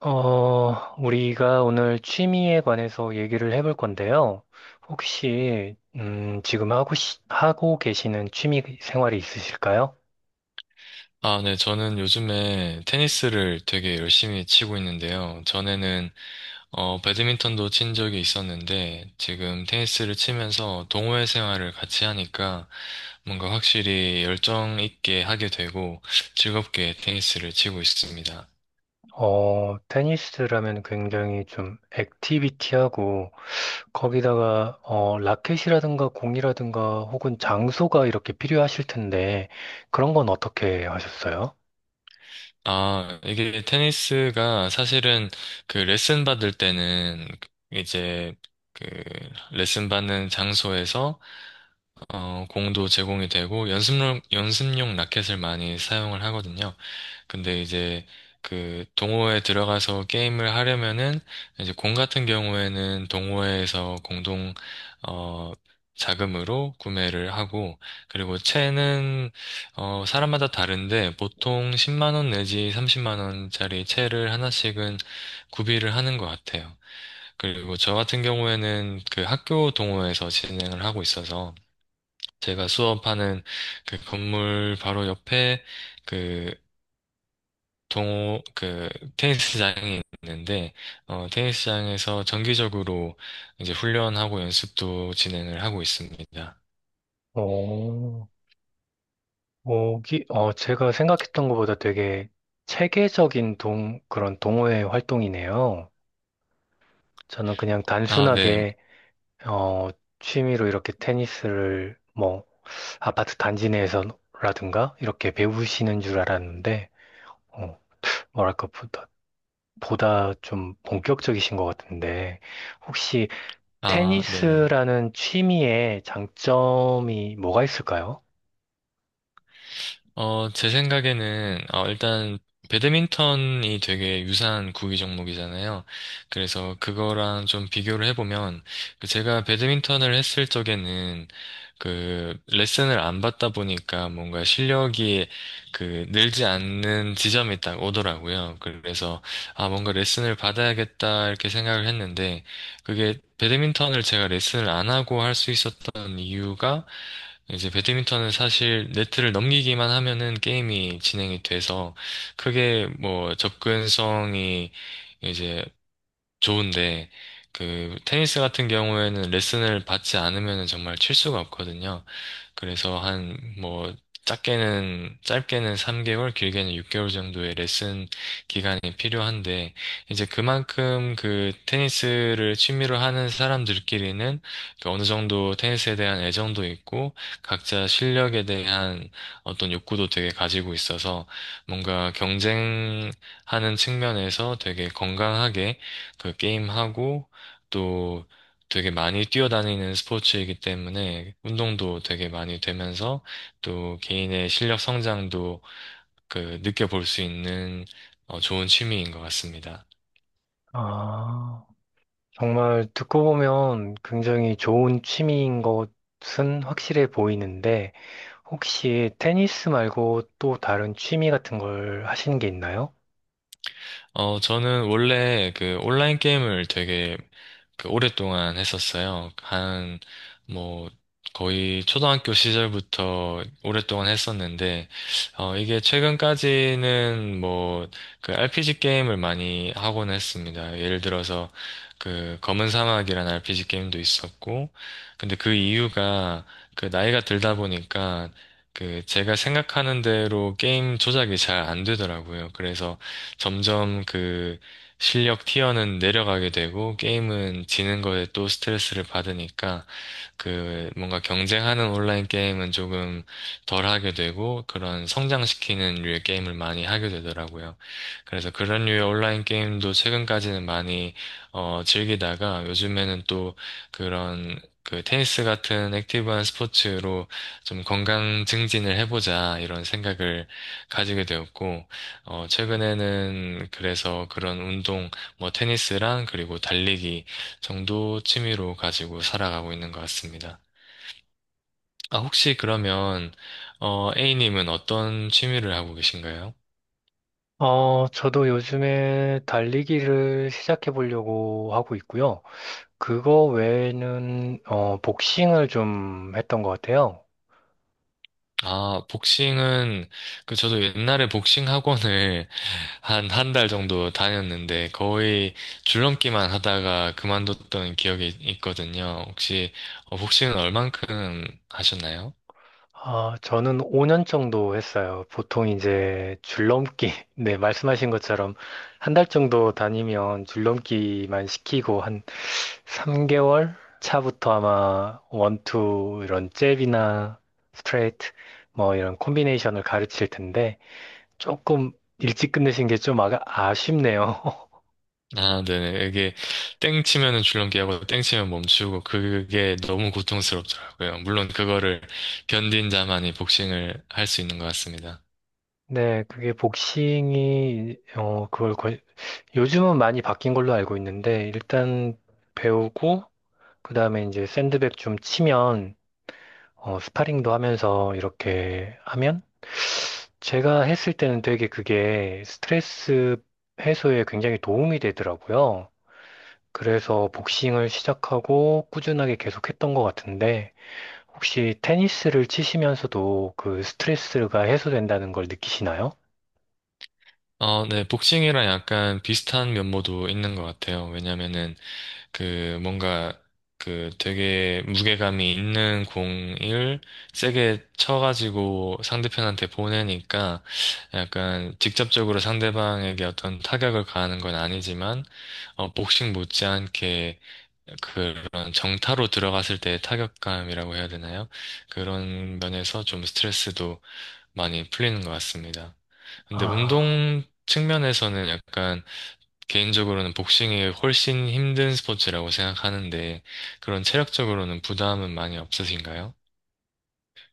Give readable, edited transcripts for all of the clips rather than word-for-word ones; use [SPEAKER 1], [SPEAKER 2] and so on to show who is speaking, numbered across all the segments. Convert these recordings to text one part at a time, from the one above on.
[SPEAKER 1] 우리가 오늘 취미에 관해서 얘기를 해볼 건데요. 혹시, 지금 하고, 하고 계시는 취미 생활이 있으실까요?
[SPEAKER 2] 아, 네. 저는 요즘에 테니스를 되게 열심히 치고 있는데요. 전에는, 배드민턴도 친 적이 있었는데, 지금 테니스를 치면서 동호회 생활을 같이 하니까 뭔가 확실히 열정 있게 하게 되고 즐겁게 테니스를 치고 있습니다.
[SPEAKER 1] 테니스라면 굉장히 좀 액티비티하고, 거기다가, 라켓이라든가 공이라든가 혹은 장소가 이렇게 필요하실 텐데, 그런 건 어떻게 하셨어요?
[SPEAKER 2] 아, 이게 테니스가 사실은 그 레슨 받을 때는 이제 그 레슨 받는 장소에서 공도 제공이 되고 연습용 라켓을 많이 사용을 하거든요. 근데 이제 그 동호회에 들어가서 게임을 하려면은 이제 공 같은 경우에는 동호회에서 공동 어 자금으로 구매를 하고 그리고 채는 사람마다 다른데 보통 10만 원 내지 30만 원짜리 채를 하나씩은 구비를 하는 것 같아요. 그리고 저 같은 경우에는 그 학교 동호회에서 진행을 하고 있어서 제가 수업하는 그 건물 바로 옆에 그 동호 그 테니스장이 있는데 테니스장에서 정기적으로 이제 훈련하고 연습도 진행을 하고 있습니다.
[SPEAKER 1] 오. 오기, 제가 생각했던 것보다 되게 체계적인 그런 동호회 활동이네요. 저는 그냥
[SPEAKER 2] 아, 네.
[SPEAKER 1] 단순하게, 어, 취미로 이렇게 테니스를 뭐, 아파트 단지 내에서라든가, 이렇게 배우시는 줄 알았는데, 어, 뭐랄까, 보다 좀 본격적이신 것 같은데, 혹시
[SPEAKER 2] 아, 네네.
[SPEAKER 1] 테니스라는 취미의 장점이 뭐가 있을까요?
[SPEAKER 2] 제 생각에는, 일단, 배드민턴이 되게 유사한 구기 종목이잖아요. 그래서 그거랑 좀 비교를 해보면, 그 제가 배드민턴을 했을 적에는, 그, 레슨을 안 받다 보니까 뭔가 실력이 그, 늘지 않는 지점이 딱 오더라고요. 그래서, 아, 뭔가 레슨을 받아야겠다, 이렇게 생각을 했는데, 그게 배드민턴을 제가 레슨을 안 하고 할 수 있었던 이유가, 이제 배드민턴은 사실 네트를 넘기기만 하면은 게임이 진행이 돼서 크게 뭐 접근성이 이제 좋은데 그 테니스 같은 경우에는 레슨을 받지 않으면은 정말 칠 수가 없거든요. 그래서 한 뭐 작게는 짧게는 3개월, 길게는 6개월 정도의 레슨 기간이 필요한데 이제 그만큼 그 테니스를 취미로 하는 사람들끼리는 그 어느 정도 테니스에 대한 애정도 있고 각자 실력에 대한 어떤 욕구도 되게 가지고 있어서 뭔가 경쟁하는 측면에서 되게 건강하게 그 게임하고 또 되게 많이 뛰어다니는 스포츠이기 때문에 운동도 되게 많이 되면서 또 개인의 실력 성장도 그 느껴볼 수 있는 좋은 취미인 것 같습니다.
[SPEAKER 1] 아. 정말 듣고 보면 굉장히 좋은 취미인 것은 확실해 보이는데, 혹시 테니스 말고 또 다른 취미 같은 걸 하시는 게 있나요?
[SPEAKER 2] 저는 원래 그 온라인 게임을 되게 그 오랫동안 했었어요. 한, 뭐, 거의 초등학교 시절부터 오랫동안 했었는데, 이게 최근까지는 뭐, 그 RPG 게임을 많이 하곤 했습니다. 예를 들어서, 그 검은 사막이라는 RPG 게임도 있었고, 근데 그 이유가 그 나이가 들다 보니까, 그 제가 생각하는 대로 게임 조작이 잘 안 되더라고요. 그래서 점점 그 실력 티어는 내려가게 되고 게임은 지는 거에 또 스트레스를 받으니까 그 뭔가 경쟁하는 온라인 게임은 조금 덜 하게 되고 그런 성장시키는 류의 게임을 많이 하게 되더라고요. 그래서 그런 류의 온라인 게임도 최근까지는 많이 즐기다가 요즘에는 또 그런 그 테니스 같은 액티브한 스포츠로 좀 건강 증진을 해보자 이런 생각을 가지게 되었고 최근에는 그래서 그런 운동 뭐 테니스랑 그리고 달리기 정도 취미로 가지고 살아가고 있는 것 같습니다. 아, 혹시 그러면, A님은 어떤 취미를 하고 계신가요?
[SPEAKER 1] 저도 요즘에 달리기를 시작해 보려고 하고 있고요. 그거 외에는, 복싱을 좀 했던 것 같아요.
[SPEAKER 2] 아, 복싱은, 그, 저도 옛날에 복싱 학원을 한, 한 달 정도 다녔는데, 거의 줄넘기만 하다가 그만뒀던 기억이 있거든요. 혹시, 복싱은 얼만큼 하셨나요?
[SPEAKER 1] 아, 저는 5년 정도 했어요. 보통 이제 줄넘기, 네, 말씀하신 것처럼 한 달 정도 다니면 줄넘기만 시키고 한 3개월 차부터 아마 원투 이런 잽이나 스트레이트 뭐 이런 콤비네이션을 가르칠 텐데 조금 일찍 끝내신 게 좀 아쉽네요.
[SPEAKER 2] 아, 네네. 이게 땡 치면은 줄넘기하고 땡 치면 멈추고 그게 너무 고통스럽더라고요. 물론 그거를 견딘 자만이 복싱을 할 수 있는 것 같습니다.
[SPEAKER 1] 네, 그게 복싱이 요즘은 많이 바뀐 걸로 알고 있는데 일단 배우고 그 다음에 이제 샌드백 좀 치면, 스파링도 하면서 이렇게 하면, 제가 했을 때는 되게 그게 스트레스 해소에 굉장히 도움이 되더라고요. 그래서 복싱을 시작하고 꾸준하게 계속했던 것 같은데, 혹시 테니스를 치시면서도 그 스트레스가 해소된다는 걸 느끼시나요?
[SPEAKER 2] 어, 네. 복싱이랑 약간 비슷한 면모도 있는 것 같아요. 왜냐면은 그 뭔가 그 되게 무게감이 있는 공을 세게 쳐가지고 상대편한테 보내니까 약간 직접적으로 상대방에게 어떤 타격을 가하는 건 아니지만 복싱 못지않게 그런 정타로 들어갔을 때의 타격감이라고 해야 되나요? 그런 면에서 좀 스트레스도 많이 풀리는 것 같습니다. 근데
[SPEAKER 1] 아,
[SPEAKER 2] 운동 측면에서는 약간 개인적으로는 복싱이 훨씬 힘든 스포츠라고 생각하는데 그런 체력적으로는 부담은 많이 없으신가요?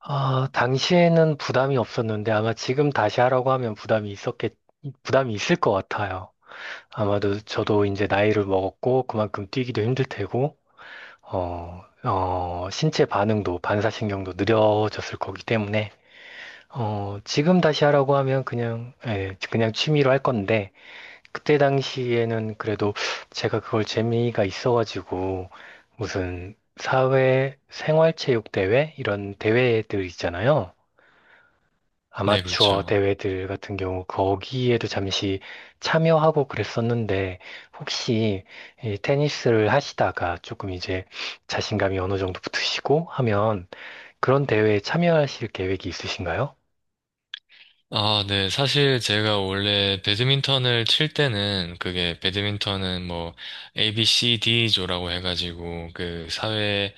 [SPEAKER 1] 아, 당시에는 부담이 없었는데 아마 지금 다시 하라고 하면 부담이 있을 것 같아요. 아마도 저도 이제 나이를 먹었고 그만큼 뛰기도 힘들 테고 신체 반응도 반사신경도 느려졌을 거기 때문에 지금 다시 하라고 하면 그냥 예, 그냥 취미로 할 건데 그때 당시에는 그래도 제가 그걸 재미가 있어가지고 무슨 사회 생활체육 대회 이런 대회들 있잖아요.
[SPEAKER 2] 네,
[SPEAKER 1] 아마추어
[SPEAKER 2] 그렇죠.
[SPEAKER 1] 대회들 같은 경우 거기에도 잠시 참여하고 그랬었는데 혹시 이 테니스를 하시다가 조금 이제 자신감이 어느 정도 붙으시고 하면 그런 대회에 참여하실 계획이 있으신가요?
[SPEAKER 2] 아, 네. 사실 제가 원래 배드민턴을 칠 때는 그게 배드민턴은 뭐 A, B, C, D조라고 해가지고 그 사회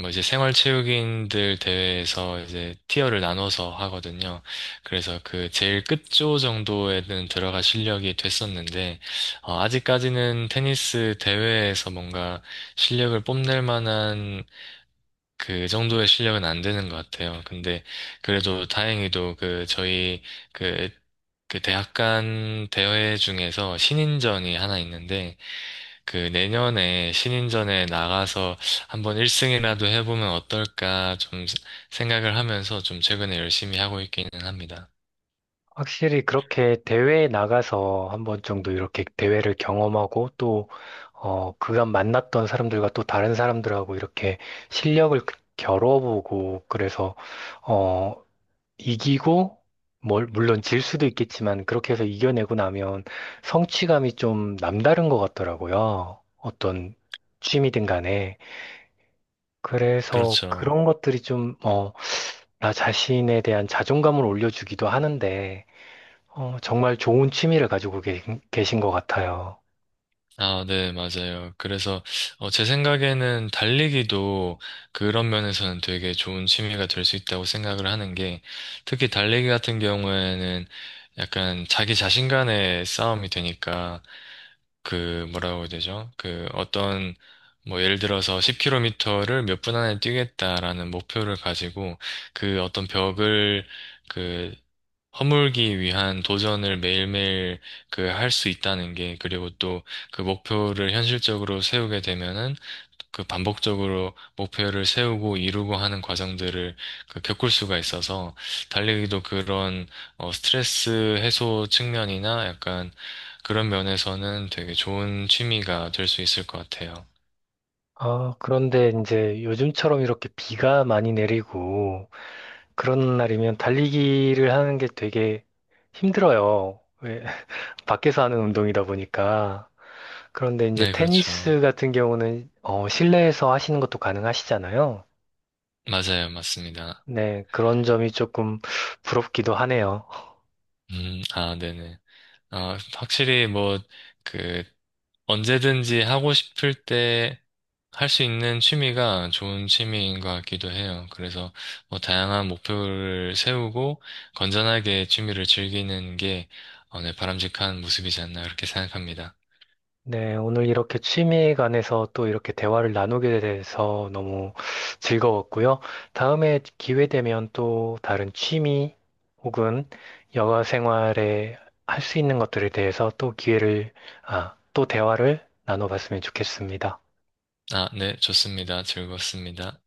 [SPEAKER 2] 뭐 이제 생활체육인들 대회에서 이제 티어를 나눠서 하거든요. 그래서 그 제일 끝조 정도에는 들어갈 실력이 됐었는데, 아직까지는 테니스 대회에서 뭔가 실력을 뽐낼 만한 그 정도의 실력은 안 되는 것 같아요. 근데 그래도 다행히도 그 저희 그, 그, 대학 간 대회 중에서 신인전이 하나 있는데 그 내년에 신인전에 나가서 한번 1승이라도 해보면 어떨까 좀 생각을 하면서 좀 최근에 열심히 하고 있기는 합니다.
[SPEAKER 1] 확실히 그렇게 대회에 나가서 한 번 정도 이렇게 대회를 경험하고 또 그간 만났던 사람들과 또 다른 사람들하고 이렇게 실력을 겨뤄보고 그래서 어, 이기고, 물론 질 수도 있겠지만, 그렇게 해서 이겨내고 나면 성취감이 좀 남다른 것 같더라고요. 어떤 취미든 간에. 그래서
[SPEAKER 2] 그렇죠.
[SPEAKER 1] 그런 것들이 좀, 나 자신에 대한 자존감을 올려주기도 하는데, 정말 좋은 취미를 가지고 계신 것 같아요.
[SPEAKER 2] 아, 네, 맞아요. 그래서, 제 생각에는 달리기도 그런 면에서는 되게 좋은 취미가 될 수 있다고 생각을 하는 게, 특히 달리기 같은 경우에는 약간 자기 자신 간의 싸움이 되니까, 그, 뭐라고 해야 되죠? 그, 어떤, 뭐, 예를 들어서 10km를 몇 분 안에 뛰겠다라는 목표를 가지고, 그 어떤 벽을, 그, 허물기 위한 도전을 매일매일 그 할 수 있다는 게, 그리고 또 그 목표를 현실적으로 세우게 되면은 그 반복적으로 목표를 세우고 이루고 하는 과정들을 그 겪을 수가 있어서 달리기도 그런 스트레스 해소 측면이나 약간 그런 면에서는 되게 좋은 취미가 될 수 있을 것 같아요.
[SPEAKER 1] 아, 그런데 이제 요즘처럼 이렇게 비가 많이 내리고, 그런 날이면 달리기를 하는 게 되게 힘들어요. 왜 밖에서 하는 운동이다 보니까. 그런데 이제
[SPEAKER 2] 네, 그렇죠.
[SPEAKER 1] 테니스 같은 경우는 실내에서 하시는 것도 가능하시잖아요.
[SPEAKER 2] 맞아요. 맞습니다.
[SPEAKER 1] 네, 그런 점이 조금 부럽기도 하네요.
[SPEAKER 2] 아, 네네. 아, 확실히 뭐, 그, 언제든지 하고 싶을 때 할 수 있는 취미가 좋은 취미인 것 같기도 해요. 그래서 뭐 다양한 목표를 세우고 건전하게 취미를 즐기는 게 네, 바람직한 모습이지 않나 그렇게 생각합니다.
[SPEAKER 1] 네, 오늘 이렇게 취미에 관해서 또 이렇게 대화를 나누게 돼서 너무 즐거웠고요. 다음에 기회 되면 또 다른 취미 혹은 여가 생활에 할 수 있는 것들에 대해서 또 아, 또 대화를 나눠봤으면 좋겠습니다.
[SPEAKER 2] 아, 네, 좋습니다. 즐겁습니다.